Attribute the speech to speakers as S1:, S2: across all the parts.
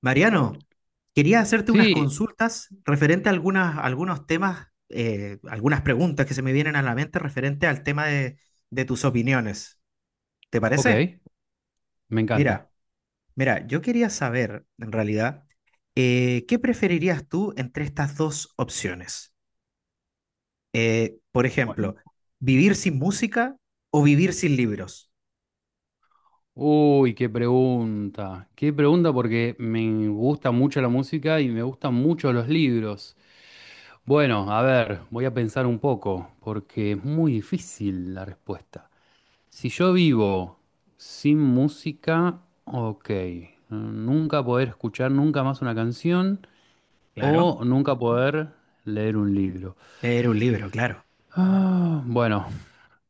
S1: Mariano, quería hacerte unas
S2: Sí,
S1: consultas referente a algunos temas, algunas preguntas que se me vienen a la mente referente al tema de tus opiniones. ¿Te parece?
S2: ok, me encanta.
S1: Mira, mira, yo quería saber, en realidad, ¿qué preferirías tú entre estas dos opciones? Por ejemplo, ¿vivir sin música o vivir sin libros?
S2: Uy, qué pregunta. Qué pregunta porque me gusta mucho la música y me gustan mucho los libros. Bueno, a ver, voy a pensar un poco porque es muy difícil la respuesta. Si yo vivo sin música, ok, nunca poder escuchar nunca más una canción
S1: Claro,
S2: o nunca poder leer un libro.
S1: leer un libro, claro.
S2: Ah, bueno,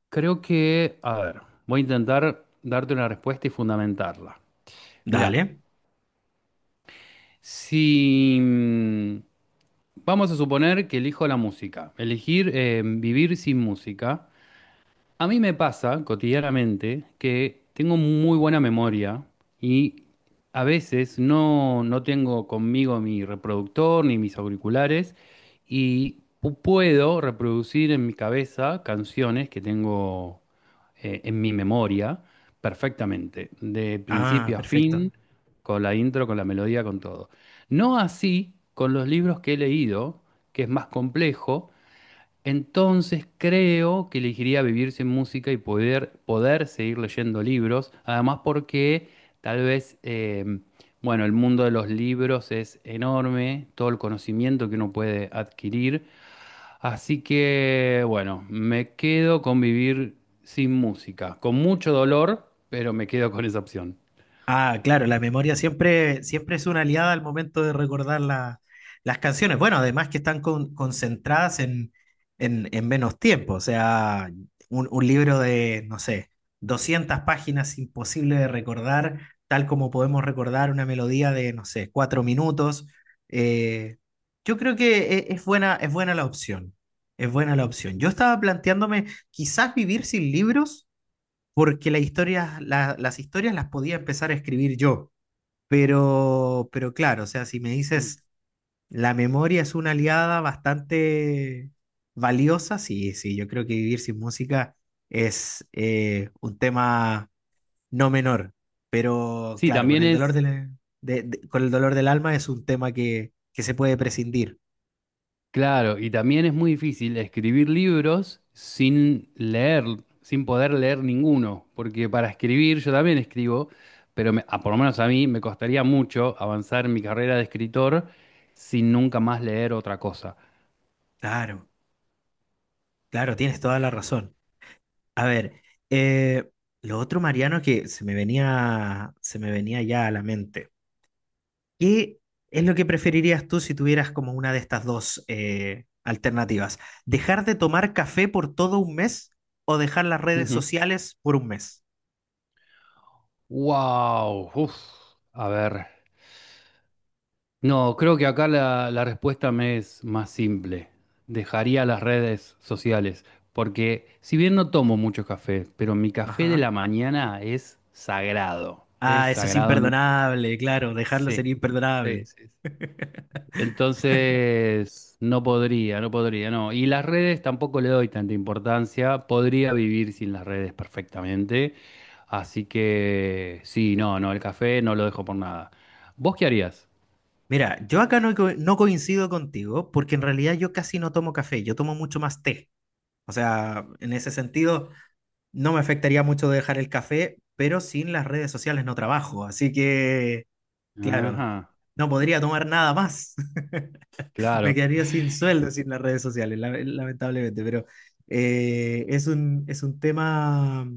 S2: creo que, a ver, voy a intentar darte una respuesta y fundamentarla. Mirá,
S1: Dale.
S2: si mm, vamos a suponer que elijo la música, elegir vivir sin música. A mí me pasa cotidianamente que tengo muy buena memoria y a veces no tengo conmigo mi reproductor ni mis auriculares y puedo reproducir en mi cabeza canciones que tengo en mi memoria perfectamente, de
S1: Ah,
S2: principio a
S1: perfecto.
S2: fin, con la intro, con la melodía, con todo. No así con los libros que he leído, que es más complejo, entonces creo que elegiría vivir sin música y poder seguir leyendo libros, además porque tal vez, bueno, el mundo de los libros es enorme, todo el conocimiento que uno puede adquirir, así que, bueno, me quedo con vivir sin música, con mucho dolor, pero me quedo con esa opción.
S1: Ah, claro, la memoria siempre es una aliada al momento de recordar las canciones. Bueno, además que están concentradas en menos tiempo. O sea, un libro de, no sé, 200 páginas imposible de recordar, tal como podemos recordar una melodía de, no sé, cuatro minutos. Eh, yo creo que es buena la opción. Es buena la opción. Yo estaba planteándome quizás vivir sin libros porque la historia, las historias las podía empezar a escribir yo. Pero claro, o sea, si me
S2: Mm.
S1: dices, la memoria es una aliada bastante valiosa, sí, sí, yo creo que vivir sin música es un tema no menor. Pero
S2: Sí,
S1: claro, con
S2: también
S1: el dolor
S2: es,
S1: del, con el dolor del alma es un tema que se puede prescindir.
S2: claro, y también es muy difícil escribir libros sin leer, sin poder leer ninguno, porque para escribir yo también escribo, pero por lo menos a mí me costaría mucho avanzar en mi carrera de escritor sin nunca más leer otra cosa.
S1: Claro. Claro, tienes toda la razón. A ver, eh, lo otro, Mariano, que se me venía ya a la mente. ¿Qué es lo que preferirías tú si tuvieras como una de estas dos alternativas? ¿Dejar de tomar café por todo un mes o dejar las redes sociales por un mes?
S2: Wow, a ver. No, creo que acá la respuesta me es más simple. Dejaría las redes sociales, porque si bien no tomo mucho café, pero mi café de
S1: Ajá.
S2: la mañana es sagrado. Es
S1: Ah, eso es
S2: sagrado, no.
S1: imperdonable, claro, dejarlo
S2: Sí,
S1: sería
S2: sí, sí,
S1: imperdonable.
S2: sí. Entonces, no podría, no. Y las redes tampoco le doy tanta importancia. Podría vivir sin las redes perfectamente. Así que, sí, no, no, el café no lo dejo por nada. ¿Vos qué harías?
S1: Mira, yo acá no coincido contigo porque en realidad yo casi no tomo café, yo tomo mucho más té. O sea, en ese sentido, no me afectaría mucho dejar el café, pero sin las redes sociales no trabajo. Así que, claro,
S2: Ajá,
S1: no podría tomar nada más. Me
S2: claro.
S1: quedaría sin sueldo sin las redes sociales, lamentablemente, pero es es un tema,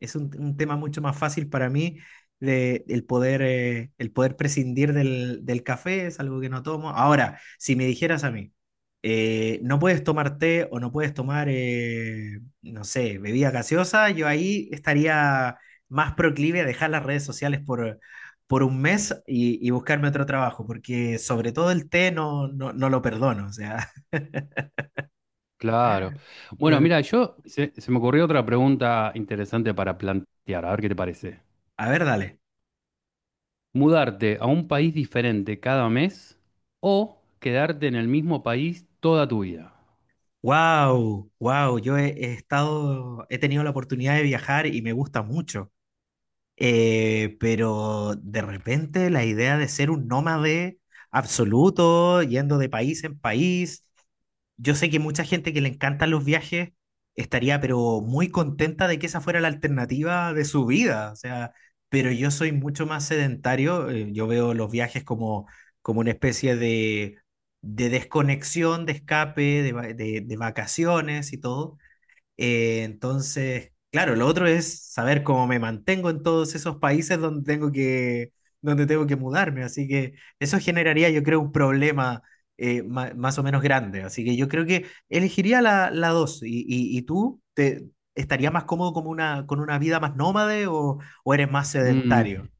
S1: es un tema mucho más fácil para mí de, el poder prescindir del café, es algo que no tomo. Ahora, si me dijeras a mí, no puedes tomar té o no puedes tomar, no sé, bebida gaseosa, yo ahí estaría más proclive a dejar las redes sociales por un mes y buscarme otro trabajo, porque sobre todo el té no lo perdono. O sea,
S2: Claro. Bueno,
S1: claro.
S2: mira, se me ocurrió otra pregunta interesante para plantear, a ver qué te parece.
S1: A ver, dale.
S2: ¿Mudarte a un país diferente cada mes o quedarte en el mismo país toda tu vida?
S1: Wow, yo he estado, he tenido la oportunidad de viajar y me gusta mucho. Pero de repente la idea de ser un nómade absoluto, yendo de país en país, yo sé que mucha gente que le encantan los viajes estaría pero muy contenta de que esa fuera la alternativa de su vida, o sea, pero yo soy mucho más sedentario, yo veo los viajes como, como una especie de desconexión, de escape, de vacaciones y todo entonces, claro, lo otro es saber cómo me mantengo en todos esos países donde tengo donde tengo que mudarme. Así que eso generaría, yo creo, un problema más o menos grande. Así que yo creo que elegiría la dos. ¿Y, y tú te estarías más cómodo como con una vida más nómade o eres más
S2: Mm.
S1: sedentario?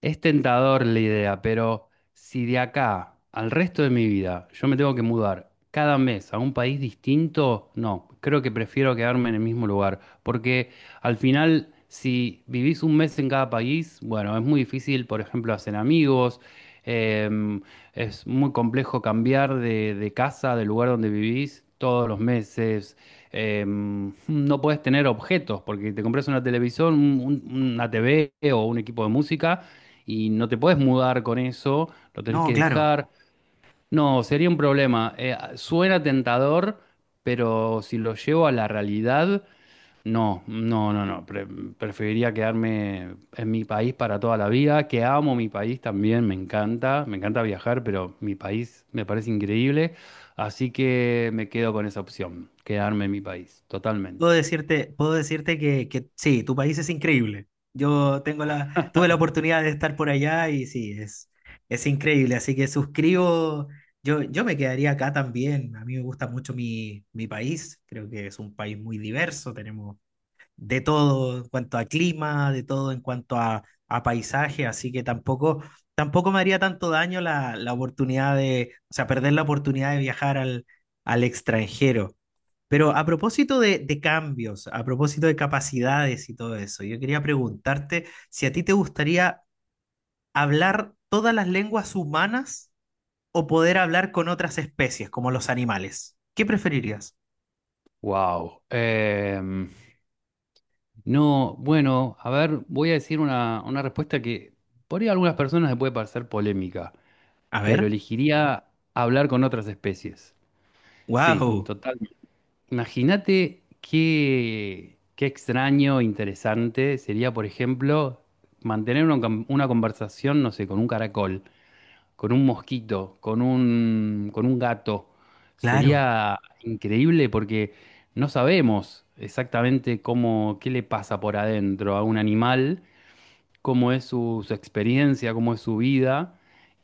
S2: Es tentador la idea, pero si de acá al resto de mi vida yo me tengo que mudar cada mes a un país distinto, no, creo que prefiero quedarme en el mismo lugar, porque al final si vivís un mes en cada país, bueno, es muy difícil, por ejemplo, hacer amigos. em, es muy complejo cambiar de casa, del lugar donde vivís todos los meses. No podés tener objetos porque te compras una televisión, una TV o un equipo de música y no te puedes mudar con eso, lo tenés
S1: No,
S2: que
S1: claro.
S2: dejar. No, sería un problema. Suena tentador, pero si lo llevo a la realidad, no, no, no, no. Preferiría quedarme en mi país para toda la vida, que amo mi país también, me encanta viajar, pero mi país me parece increíble, así que me quedo con esa opción, quedarme en mi país, totalmente.
S1: Puedo decirte que sí, tu país es increíble. Yo tengo la, tuve la oportunidad de estar por allá y sí, es increíble. Así que suscribo, yo me quedaría acá también. A mí me gusta mucho mi, mi país. Creo que es un país muy diverso. Tenemos de todo en cuanto a clima, de todo en cuanto a paisaje. Así que tampoco, tampoco me haría tanto daño la oportunidad de, o sea, perder la oportunidad de viajar al extranjero. Pero a propósito de cambios, a propósito de capacidades y todo eso, yo quería preguntarte si a ti te gustaría hablar todas las lenguas humanas o poder hablar con otras especies, como los animales. ¿Qué preferirías?
S2: Wow. No, bueno, a ver, voy a decir una respuesta que por ahí a algunas personas le puede parecer polémica,
S1: A
S2: pero
S1: ver.
S2: elegiría hablar con otras especies. Sí,
S1: Wow.
S2: total. Imagínate qué, qué extraño, interesante sería, por ejemplo, mantener una conversación, no sé, con un caracol, con un mosquito, con un gato.
S1: Claro,
S2: Sería increíble porque no sabemos exactamente cómo, qué le pasa por adentro a un animal, cómo es su experiencia, cómo es su vida.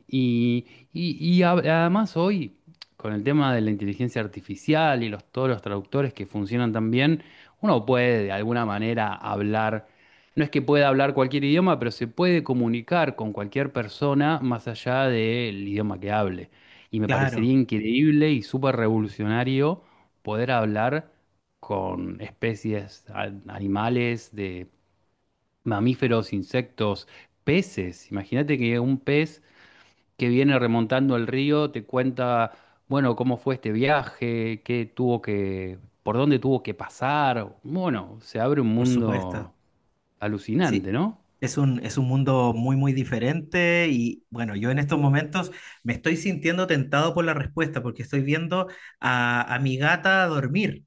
S2: Y, Además hoy, con el tema de la inteligencia artificial y todos los traductores que funcionan tan bien, uno puede de alguna manera hablar, no es que pueda hablar cualquier idioma, pero se puede comunicar con cualquier persona más allá del idioma que hable. Y me parecería
S1: claro,
S2: increíble y súper revolucionario poder hablar con especies, animales, mamíferos, insectos, peces. Imagínate que un pez que viene remontando el río te cuenta, bueno, cómo fue este viaje, qué tuvo que, por dónde tuvo que pasar. Bueno, se abre un
S1: por supuesto.
S2: mundo alucinante,
S1: Sí,
S2: ¿no?
S1: es es un mundo muy, muy diferente y bueno, yo en estos momentos me estoy sintiendo tentado por la respuesta porque estoy viendo a mi gata dormir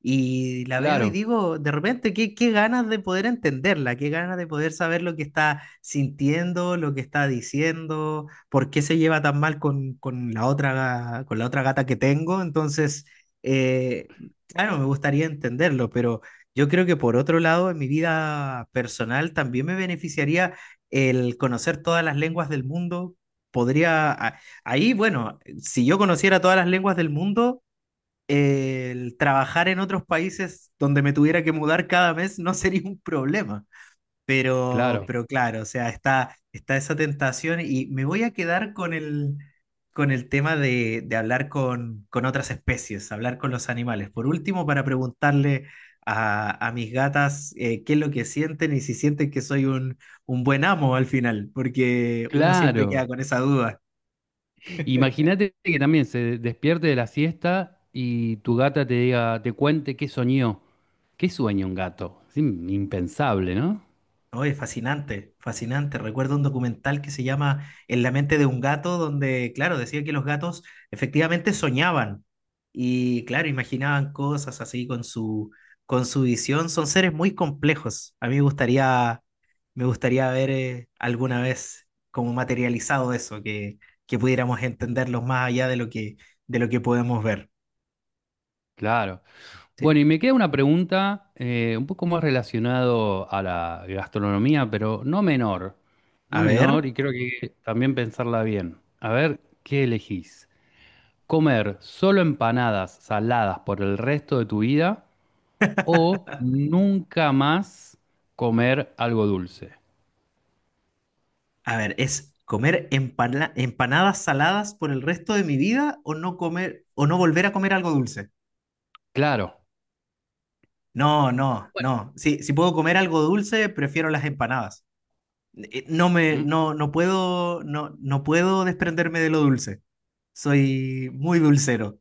S1: y la veo y
S2: Claro,
S1: digo, de repente, qué, qué ganas de poder entenderla, qué ganas de poder saber lo que está sintiendo, lo que está diciendo, por qué se lleva tan mal con la otra, con la otra gata que tengo. Entonces, eh, claro, me gustaría entenderlo, pero... Yo creo que por otro lado, en mi vida personal también me beneficiaría el conocer todas las lenguas del mundo. Podría, a- ahí, bueno, si yo conociera todas las lenguas del mundo, el trabajar en otros países donde me tuviera que mudar cada mes no sería un problema. Pero,
S2: claro,
S1: pero claro, o sea, está esa tentación y me voy a quedar con el tema de hablar con otras especies, hablar con los animales. Por último, para preguntarle a mis gatas qué es lo que sienten y si sienten que soy un buen amo al final, porque uno siempre queda
S2: claro.
S1: con esa duda.
S2: Imagínate que también se despierte de la siesta y tu gata te diga, te cuente qué soñó. ¿Qué sueña un gato? Es impensable, ¿no?
S1: Oye, fascinante, fascinante. Recuerdo un documental que se llama En la mente de un gato, donde, claro, decía que los gatos efectivamente soñaban y, claro, imaginaban cosas así con su visión. Son seres muy complejos. A mí me gustaría ver alguna vez como materializado eso, que pudiéramos entenderlos más allá de lo que podemos ver.
S2: Claro.
S1: Sí.
S2: Bueno, y me queda una pregunta, un poco más relacionado a la gastronomía, pero no menor, no
S1: A
S2: menor,
S1: ver.
S2: y creo que también pensarla bien. A ver, ¿qué elegís? ¿Comer solo empanadas saladas por el resto de tu vida o nunca más comer algo dulce?
S1: A ver, ¿es comer empanadas saladas por el resto de mi vida o no comer o no volver a comer algo dulce?
S2: Claro.
S1: No, no,
S2: Bueno.
S1: no. Sí, si puedo comer algo dulce, prefiero las empanadas.
S2: Mm,
S1: No puedo, no puedo desprenderme de lo dulce. Soy muy dulcero.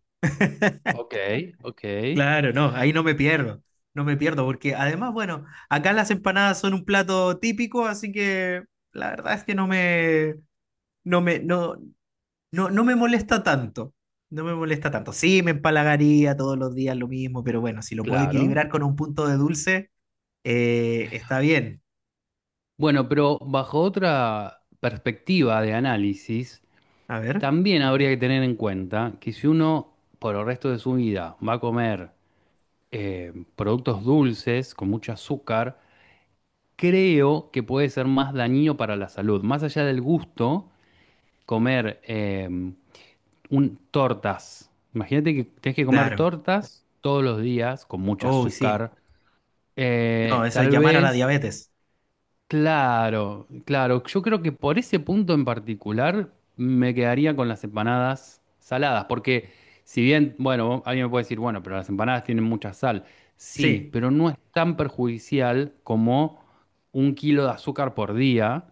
S2: ok, ok,
S1: Claro, no, ahí no me pierdo. No me pierdo, porque además, bueno, acá las empanadas son un plato típico, así que la verdad es que no me, no, no, no me molesta tanto. No me molesta tanto. Sí, me empalagaría todos los días lo mismo, pero bueno, si lo puedo
S2: claro.
S1: equilibrar con un punto de dulce, está bien.
S2: Bueno, pero bajo otra perspectiva de análisis,
S1: A ver,
S2: también habría que tener en cuenta que si uno por el resto de su vida va a comer productos dulces con mucho azúcar, creo que puede ser más dañino para la salud. Más allá del gusto, comer tortas. Imagínate que tenés que comer
S1: claro.
S2: tortas todos los días con mucho
S1: Oh, sí.
S2: azúcar.
S1: No, eso es
S2: Tal
S1: llamar a la
S2: vez
S1: diabetes.
S2: claro, claro. Yo creo que por ese punto en particular me quedaría con las empanadas saladas, porque si bien, bueno, alguien me puede decir, bueno, pero las empanadas tienen mucha sal. Sí,
S1: Sí,
S2: pero no es tan perjudicial como un kilo de azúcar por día.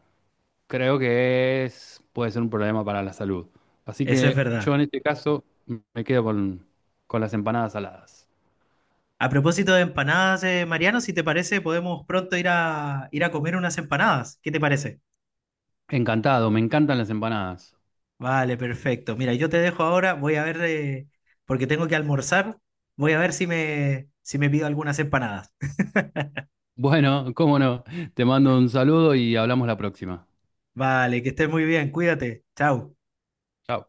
S2: Creo que es, puede ser un problema para la salud. Así
S1: eso es
S2: que yo
S1: verdad.
S2: en este caso me quedo con las empanadas saladas.
S1: A propósito de empanadas, Mariano, si te parece, podemos pronto ir ir a comer unas empanadas. ¿Qué te parece?
S2: Encantado, me encantan las empanadas.
S1: Vale, perfecto. Mira, yo te dejo ahora, voy a ver, porque tengo que almorzar, voy a ver si si me pido algunas empanadas.
S2: Bueno, cómo no. Te mando un saludo y hablamos la próxima.
S1: Vale, que estés muy bien, cuídate. Chao.
S2: Chao.